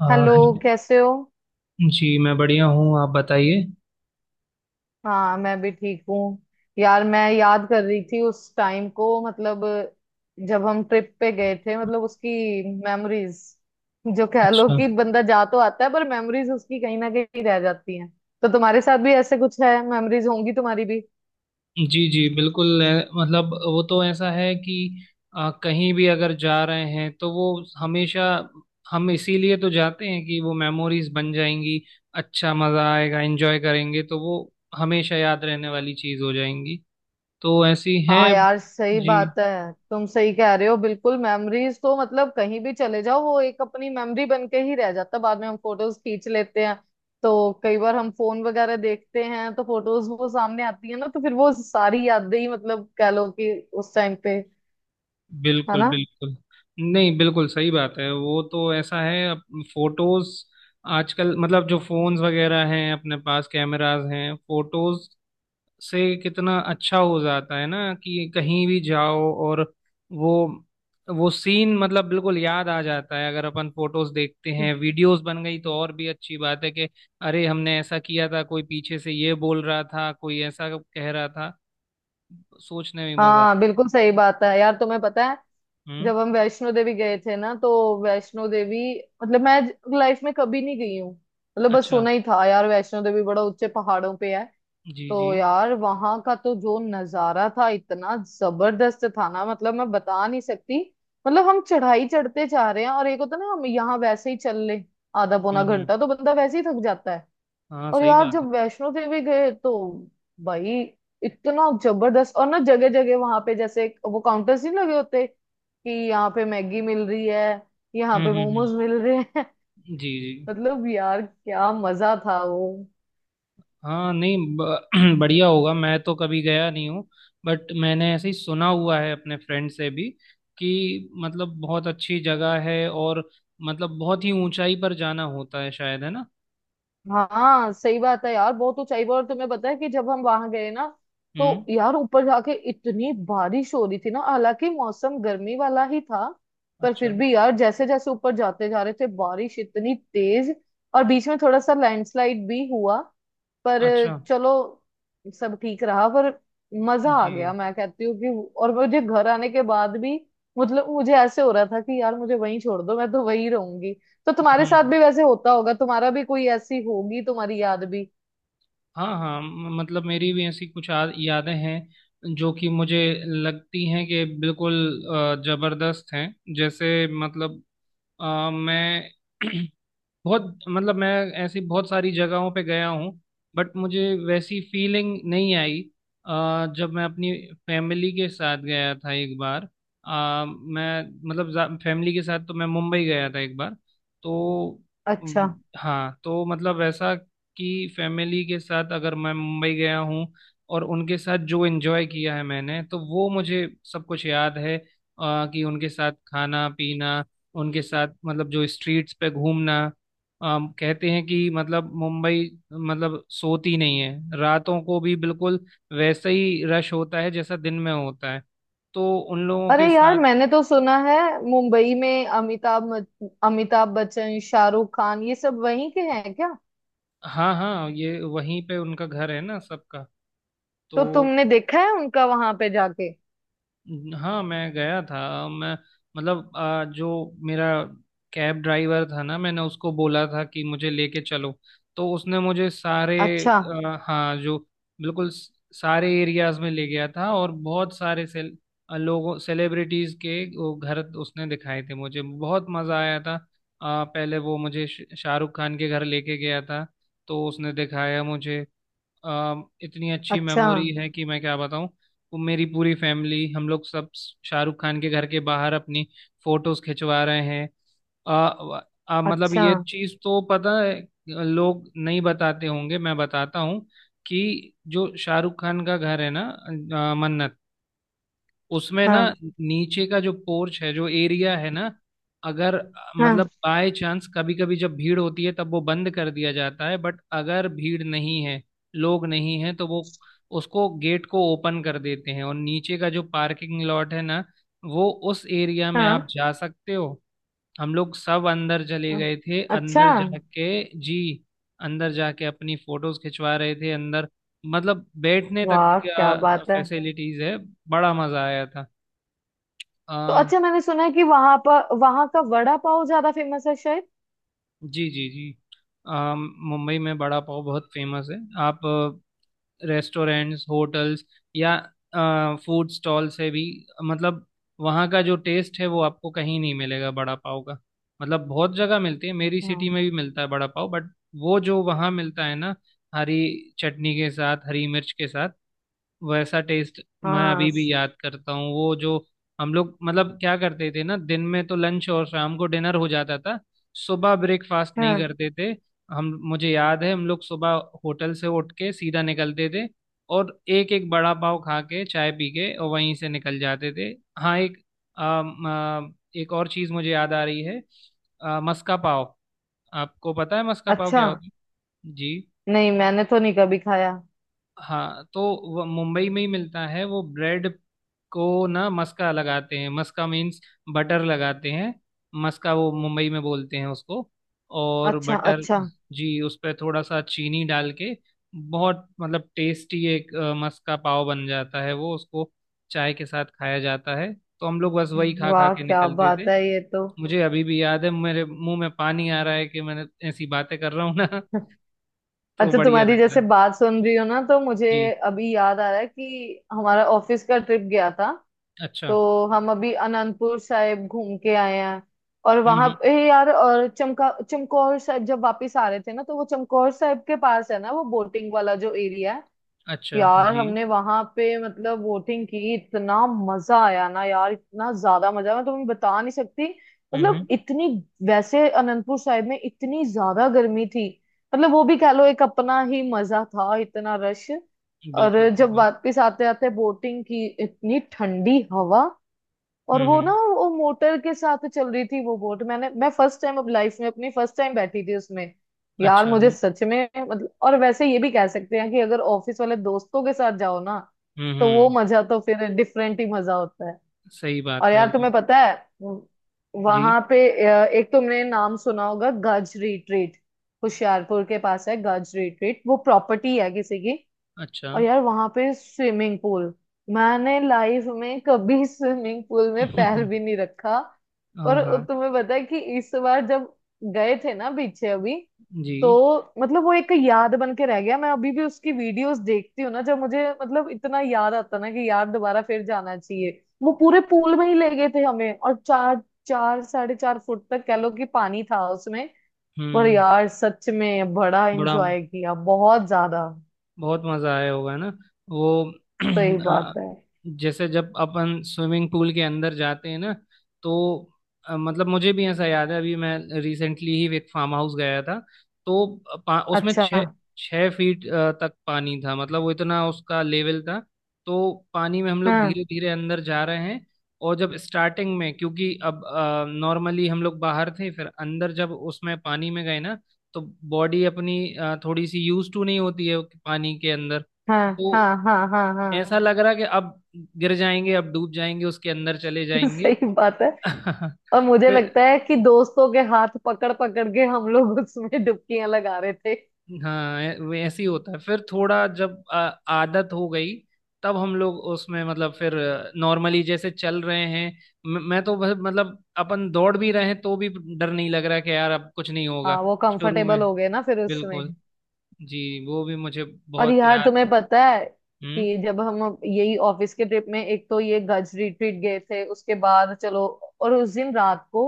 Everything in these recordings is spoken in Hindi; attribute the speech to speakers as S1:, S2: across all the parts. S1: आ,
S2: हेलो।
S1: है-
S2: कैसे हो?
S1: जी, मैं बढ़िया हूँ। आप बताइए।
S2: हाँ, मैं भी ठीक हूँ। यार, मैं याद कर रही थी उस टाइम को, मतलब जब हम ट्रिप पे गए थे, मतलब उसकी मेमोरीज। जो कह लो
S1: अच्छा।
S2: कि बंदा जा तो आता है, पर मेमोरीज उसकी कहीं ना कहीं रह जाती हैं। तो तुम्हारे साथ भी ऐसे कुछ है, मेमोरीज होंगी तुम्हारी भी।
S1: जी जी, बिल्कुल। मतलब वो तो ऐसा है कि कहीं भी अगर जा रहे हैं तो वो हमेशा, हम इसीलिए तो जाते हैं कि वो मेमोरीज बन जाएंगी। अच्छा मज़ा आएगा, एंजॉय करेंगे, तो वो हमेशा याद रहने वाली चीज़ हो जाएंगी। तो ऐसी
S2: हाँ
S1: हैं।
S2: यार, सही
S1: जी।
S2: बात है। तुम सही कह रहे हो, बिल्कुल। मेमोरीज तो मतलब कहीं भी चले जाओ, वो एक अपनी मेमोरी बन के ही रह जाता है। बाद में हम फोटोज खींच लेते हैं, तो कई बार हम फोन वगैरह देखते हैं, तो फोटोज वो सामने आती है ना, तो फिर वो सारी यादें ही, मतलब कह लो कि उस टाइम पे। है
S1: बिल्कुल
S2: ना?
S1: बिल्कुल। नहीं, बिल्कुल सही बात है। वो तो ऐसा है अब, फोटोज आजकल मतलब जो फोन्स वगैरह हैं, अपने पास कैमरास हैं, फोटोज से कितना अच्छा हो जाता है ना कि कहीं भी जाओ और वो वो सीन मतलब बिल्कुल याद आ जाता है। अगर अपन फोटोज देखते हैं, वीडियोस बन गई तो और भी अच्छी बात है कि अरे, हमने ऐसा किया था, कोई पीछे से ये बोल रहा था, कोई ऐसा कह रहा था। सोचने में मजा।
S2: हाँ बिल्कुल, सही बात है। यार तुम्हें पता है,
S1: हम्म।
S2: जब हम वैष्णो देवी गए थे ना, तो वैष्णो देवी, मतलब मैं लाइफ में कभी नहीं गई हूँ। मतलब बस
S1: अच्छा।
S2: सुना ही था यार, वैष्णो देवी बड़ा ऊंचे पहाड़ों पे है।
S1: जी जी।
S2: तो यार वहां का तो जो नजारा था, इतना जबरदस्त था ना, मतलब मैं बता नहीं सकती। मतलब हम चढ़ाई चढ़ते जा रहे हैं, और एक होता ना, हम यहाँ वैसे ही चल ले आधा पौना
S1: हम्म।
S2: घंटा, तो बंदा वैसे ही थक जाता है।
S1: हाँ,
S2: और
S1: सही
S2: यार
S1: बात है।
S2: जब वैष्णो देवी गए, तो भाई इतना जबरदस्त, और ना जगह जगह वहां पे जैसे वो काउंटर्स नहीं लगे होते कि यहाँ पे मैगी मिल रही है, यहाँ
S1: हम्म
S2: पे
S1: हम्म हम्म,
S2: मोमोज मिल रहे हैं।
S1: जी जी।
S2: मतलब यार, क्या मजा था वो।
S1: हाँ नहीं, बढ़िया होगा, मैं तो कभी गया नहीं हूँ, बट मैंने ऐसे ही सुना हुआ है अपने फ्रेंड से भी कि मतलब बहुत अच्छी जगह है और मतलब बहुत ही ऊंचाई पर जाना होता है शायद, है ना।
S2: हाँ, सही बात है यार, बहुत ऊंचाई पर। और तुम्हें पता है कि जब हम वहां गए ना,
S1: हम्म।
S2: तो यार ऊपर जाके इतनी बारिश हो रही थी ना, हालांकि मौसम गर्मी वाला ही था, पर
S1: अच्छा।
S2: फिर भी यार जैसे जैसे ऊपर जाते जा रहे थे, बारिश इतनी तेज। और बीच में थोड़ा सा लैंडस्लाइड भी हुआ, पर
S1: अच्छा।
S2: चलो, सब ठीक रहा। पर मजा आ गया,
S1: जी।
S2: मैं कहती हूँ कि। और मुझे घर आने के बाद भी, मतलब मुझे ऐसे हो रहा था कि यार मुझे वहीं छोड़ दो, मैं तो वहीं रहूंगी। तो तुम्हारे साथ
S1: हम्म।
S2: भी वैसे होता होगा, तुम्हारा भी कोई ऐसी होगी तुम्हारी याद भी।
S1: हाँ हाँ, मतलब मेरी भी ऐसी कुछ यादें हैं जो कि मुझे लगती हैं कि बिल्कुल जबरदस्त हैं। जैसे मतलब मैं बहुत मतलब मैं ऐसी बहुत सारी जगहों पे गया हूँ, बट मुझे वैसी फीलिंग नहीं आई। जब मैं अपनी फैमिली के साथ गया था एक बार, मैं मतलब फैमिली के साथ तो मैं मुंबई गया था एक बार। तो
S2: अच्छा,
S1: हाँ, तो मतलब वैसा कि फैमिली के साथ अगर मैं मुंबई गया हूँ और उनके साथ जो एंजॉय किया है मैंने, तो वो मुझे सब कुछ याद है। कि उनके साथ खाना पीना, उनके साथ मतलब जो स्ट्रीट्स पे घूमना। कहते हैं कि मतलब मुंबई मतलब सोती नहीं है, रातों को भी बिल्कुल वैसा ही रश होता है जैसा दिन में होता है। तो उन लोगों
S2: अरे
S1: के
S2: यार,
S1: साथ।
S2: मैंने तो सुना है, मुंबई में अमिताभ अमिताभ बच्चन, शाहरुख खान, ये सब वहीं के हैं क्या?
S1: हाँ हाँ, ये वहीं पे उनका घर है ना सबका। तो
S2: तो तुमने देखा है उनका वहां पे जाके?
S1: हाँ, मैं गया था। मैं मतलब जो मेरा कैब ड्राइवर था ना, मैंने उसको बोला था कि मुझे लेके चलो, तो उसने मुझे सारे
S2: अच्छा।
S1: हाँ, जो बिल्कुल सारे एरियाज में ले गया था और बहुत सारे सेल लोगों सेलिब्रिटीज के वो घर उसने दिखाए थे मुझे, बहुत मजा आया था। पहले वो मुझे शाहरुख खान के घर लेके गया था, तो उसने दिखाया मुझे। इतनी अच्छी
S2: अच्छा।
S1: मेमोरी है कि मैं क्या बताऊं। वो मेरी पूरी फैमिली, हम लोग सब शाहरुख खान के घर के बाहर अपनी फोटोज खिंचवा रहे हैं। आ, आ, मतलब
S2: अच्छा।
S1: ये चीज तो पता है, लोग नहीं बताते होंगे, मैं बताता हूँ कि जो शाहरुख खान का घर है ना, मन्नत, उसमें ना
S2: हाँ
S1: नीचे का जो पोर्च है, जो एरिया है ना, अगर मतलब
S2: हाँ
S1: बाय चांस कभी कभी जब भीड़ होती है, तब वो बंद कर दिया जाता है, बट अगर भीड़ नहीं है, लोग नहीं है, तो वो उसको गेट को ओपन कर देते हैं, और नीचे का जो पार्किंग लॉट है ना, वो उस एरिया में आप
S2: हाँ
S1: जा सकते हो। हम लोग सब अंदर चले
S2: हाँ।
S1: गए थे।
S2: अच्छा।
S1: अंदर जाके, जी, अंदर जाके अपनी फोटोज खिंचवा रहे थे, अंदर मतलब बैठने तक
S2: वाह,
S1: क्या
S2: क्या बात है।
S1: फैसिलिटीज है। बड़ा मजा आया था।
S2: तो
S1: आ,
S2: अच्छा, मैंने सुना है कि वहां पर, वहां का वड़ा पाव ज्यादा फेमस है शायद।
S1: जी जी जी। मुंबई में बड़ा पाव बहुत फेमस है। आप रेस्टोरेंट्स, होटल्स, या फूड स्टॉल से भी, मतलब वहाँ का जो टेस्ट है वो आपको कहीं नहीं मिलेगा बड़ा पाव का। मतलब बहुत जगह मिलती है, मेरी सिटी
S2: हाँ
S1: में भी मिलता है बड़ा पाव, बट वो जो वहाँ मिलता है ना, हरी चटनी के साथ, हरी मिर्च के साथ, वैसा टेस्ट। मैं
S2: हाँ,
S1: अभी भी
S2: स-।
S1: याद करता हूँ वो जो हम लोग मतलब क्या करते थे ना, दिन में तो लंच और शाम को डिनर हो जाता था, सुबह ब्रेकफास्ट नहीं
S2: हाँ।
S1: करते थे हम। मुझे याद है हम लोग सुबह होटल से उठ के सीधा निकलते थे और एक एक बड़ा पाव खा के, चाय पी के, और वहीं से निकल जाते थे। हाँ, एक एक और चीज़ मुझे याद आ रही है, मस्का पाव। आपको पता है मस्का पाव
S2: अच्छा।
S1: क्या होता है? जी।
S2: नहीं, मैंने तो नहीं कभी खाया।
S1: हाँ, तो वो मुंबई में ही मिलता है। वो ब्रेड को ना मस्का लगाते हैं। मस्का मीन्स बटर लगाते हैं। मस्का वो मुंबई में बोलते हैं उसको, और
S2: अच्छा
S1: बटर।
S2: अच्छा।
S1: जी। उस पर थोड़ा सा चीनी डाल के बहुत मतलब टेस्टी एक मस्का पाव बन जाता है, वो उसको चाय के साथ खाया जाता है, तो हम लोग बस वही खा खा
S2: वाह
S1: के
S2: क्या
S1: निकलते
S2: बात
S1: थे।
S2: है ये तो।
S1: मुझे अभी भी याद है, मेरे मुंह में पानी आ रहा है कि मैंने ऐसी बातें कर रहा हूँ ना। तो
S2: अच्छा,
S1: बढ़िया
S2: तुम्हारी
S1: लग रहा
S2: जैसे
S1: है।
S2: बात सुन रही हो ना, तो मुझे
S1: जी।
S2: अभी याद आ रहा है कि हमारा ऑफिस का ट्रिप गया था।
S1: अच्छा।
S2: तो हम अभी अनंदपुर साहिब घूम के आए हैं। और
S1: हम्म
S2: वहां
S1: हम्म,
S2: पे यार, और चमका चमकौर साहिब जब वापस आ रहे थे ना, तो वो चमकौर साहिब के पास है ना, वो बोटिंग वाला जो एरिया है।
S1: अच्छा। हाँ
S2: यार
S1: जी।
S2: हमने वहां पे मतलब बोटिंग की, इतना मजा आया ना यार, इतना ज्यादा मजा मैं तुम्हें बता नहीं सकती। मतलब
S1: हम्म।
S2: इतनी, वैसे अनंतपुर साहिब में इतनी ज्यादा गर्मी थी, मतलब वो भी कह लो एक अपना ही मजा था, इतना रश। और
S1: बिल्कुल सही
S2: जब
S1: बात।
S2: वापस आते आते बोटिंग की, इतनी ठंडी हवा। और वो ना,
S1: हम्म।
S2: वो मोटर के साथ चल रही थी वो बोट। मैंने, मैं फर्स्ट टाइम, अब लाइफ में अपनी फर्स्ट टाइम बैठी थी उसमें। यार
S1: अच्छा।
S2: मुझे सच में मतलब, और वैसे ये भी कह सकते हैं कि अगर ऑफिस वाले दोस्तों के साथ जाओ ना, तो
S1: हम्म।
S2: वो मजा तो फिर डिफरेंट ही मजा होता है।
S1: सही
S2: और
S1: बात है।
S2: यार
S1: वो,
S2: तुम्हें पता है,
S1: जी,
S2: वहां पे एक तुमने नाम सुना होगा, गज रिट्रीट। होशियारपुर के पास है गज रिट्रीट, वो प्रॉपर्टी है किसी की।
S1: अच्छा।
S2: और यार वहां पे स्विमिंग पूल, मैंने लाइफ में कभी स्विमिंग पूल में पैर
S1: हम्म,
S2: भी नहीं रखा।
S1: हाँ
S2: और
S1: हाँ।
S2: तुम्हें पता है कि इस बार जब गए थे ना पीछे अभी,
S1: जी।
S2: तो मतलब वो एक याद बन के रह गया। मैं अभी भी उसकी वीडियोस देखती हूँ ना, जब मुझे मतलब इतना याद आता ना, कि यार दोबारा फिर जाना चाहिए। वो पूरे पूल में ही ले गए थे हमें, और चार, चार 4.5 फुट तक कह लो कि पानी था उसमें। पर
S1: हम्म।
S2: यार सच में बड़ा
S1: बड़ा,
S2: एंजॉय किया, बहुत ज्यादा।
S1: बहुत मजा आया होगा ना। वो,
S2: सही
S1: आ,
S2: बात है।
S1: जैसे जब अपन स्विमिंग पूल के अंदर जाते हैं ना, तो मतलब मुझे भी ऐसा याद है, अभी मैं रिसेंटली ही एक फार्म हाउस गया था, तो उसमें
S2: अच्छा।
S1: छः छः फीट तक पानी था, मतलब वो इतना उसका लेवल था। तो पानी में हम लोग
S2: हाँ
S1: धीरे धीरे अंदर जा रहे हैं, और जब स्टार्टिंग में, क्योंकि अब नॉर्मली हम लोग बाहर थे, फिर अंदर जब उसमें पानी में गए ना, तो बॉडी अपनी थोड़ी सी यूज टू नहीं होती है पानी के अंदर,
S2: हाँ
S1: तो
S2: हाँ हाँ हाँ हाँ।
S1: ऐसा लग रहा कि अब गिर जाएंगे, अब डूब जाएंगे, उसके अंदर चले जाएंगे।
S2: सही बात है। और मुझे
S1: फिर
S2: लगता है कि दोस्तों के हाथ पकड़ पकड़ के हम लोग उसमें डुबकियां लगा रहे थे।
S1: हाँ, वो ऐसे ही होता है, फिर थोड़ा जब आदत हो गई, तब हम लोग उसमें मतलब फिर नॉर्मली जैसे चल रहे हैं। मैं तो मतलब अपन दौड़ भी रहे हैं तो भी डर नहीं लग रहा कि यार अब कुछ नहीं होगा।
S2: हाँ, वो
S1: शुरू में
S2: कंफर्टेबल हो गए ना फिर
S1: बिल्कुल।
S2: उसमें।
S1: जी। वो भी मुझे
S2: और
S1: बहुत
S2: यार
S1: याद है।
S2: तुम्हें पता है
S1: हम्म।
S2: कि जब हम यही ऑफिस के ट्रिप में, एक तो ये गज रिट्रीट गए थे, उसके बाद चलो, और उस दिन रात को,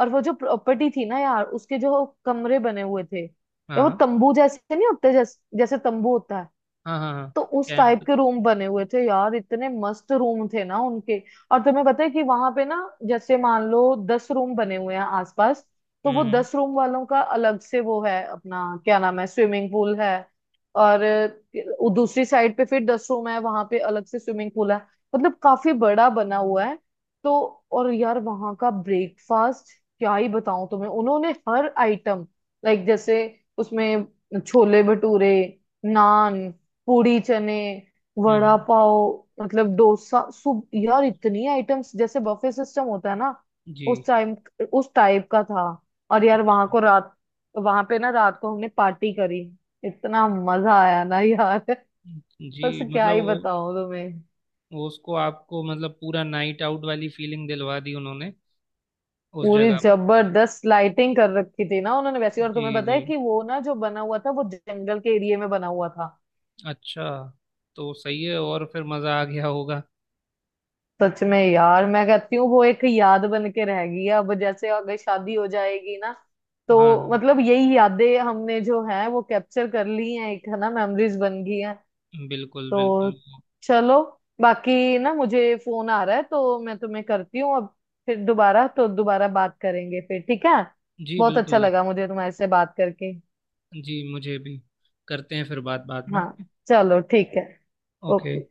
S2: और वो जो प्रॉपर्टी थी ना यार, उसके जो कमरे बने हुए थे, या वो
S1: हाँ
S2: तंबू जैसे नहीं होते जैसे, जैसे तंबू होता है,
S1: हाँ हाँ हाँ।
S2: तो उस टाइप
S1: कैंप।
S2: के रूम बने हुए थे यार, इतने मस्त रूम थे ना उनके। और तुम्हें पता है कि वहां पे ना, जैसे मान लो 10 रूम बने हुए हैं आसपास, तो वो
S1: हम्म
S2: 10 रूम वालों का अलग से वो है, अपना क्या नाम है, स्विमिंग पूल है। और दूसरी साइड पे फिर 10 रूम है, वहां पे अलग से स्विमिंग पूल है। मतलब काफी बड़ा बना हुआ है तो। और यार वहां का ब्रेकफास्ट, क्या ही बताऊं तुम्हें, उन्होंने हर आइटम, लाइक जैसे उसमें छोले भटूरे, नान, पूड़ी चने,
S1: हम्म
S2: वड़ा
S1: हम्म,
S2: पाव, मतलब डोसा, सूप, यार इतनी आइटम्स, जैसे बफे सिस्टम होता है ना,
S1: जी।
S2: उस टाइम, उस टाइप का था। और यार वहां
S1: अच्छा।
S2: को रात, वहां पे ना रात को हमने पार्टी करी, इतना मजा आया ना यार।
S1: जी
S2: बस क्या
S1: मतलब
S2: ही
S1: वो
S2: बताऊं तुम्हें।
S1: वो उसको आपको मतलब पूरा नाइट आउट वाली फीलिंग दिलवा दी उन्होंने उस
S2: पूरी
S1: जगह पर।
S2: जबरदस्त लाइटिंग कर रखी थी ना उन्होंने वैसी। और
S1: जी
S2: तुम्हें पता
S1: जी।
S2: है कि वो ना जो बना हुआ था, वो जंगल के एरिया में बना हुआ था।
S1: अच्छा। तो सही है, और फिर मज़ा आ गया होगा।
S2: सच में यार, मैं कहती हूँ वो एक याद बन के रहेगी। अब जैसे अगर शादी हो जाएगी ना, तो
S1: हाँ
S2: मतलब यही यादें हमने जो है वो कैप्चर कर ली हैं एक, है ना, मेमोरीज बन गई हैं।
S1: बिल्कुल
S2: तो
S1: बिल्कुल।
S2: चलो, बाकी ना मुझे फोन आ रहा है, तो मैं तुम्हें करती हूँ अब, फिर दोबारा, तो दोबारा बात करेंगे फिर, ठीक है।
S1: जी
S2: बहुत अच्छा
S1: बिल्कुल।
S2: लगा मुझे तुम्हारे से बात करके।
S1: जी मुझे भी। करते हैं फिर बात बाद में।
S2: हाँ चलो, ठीक है।
S1: ओके।
S2: ओके।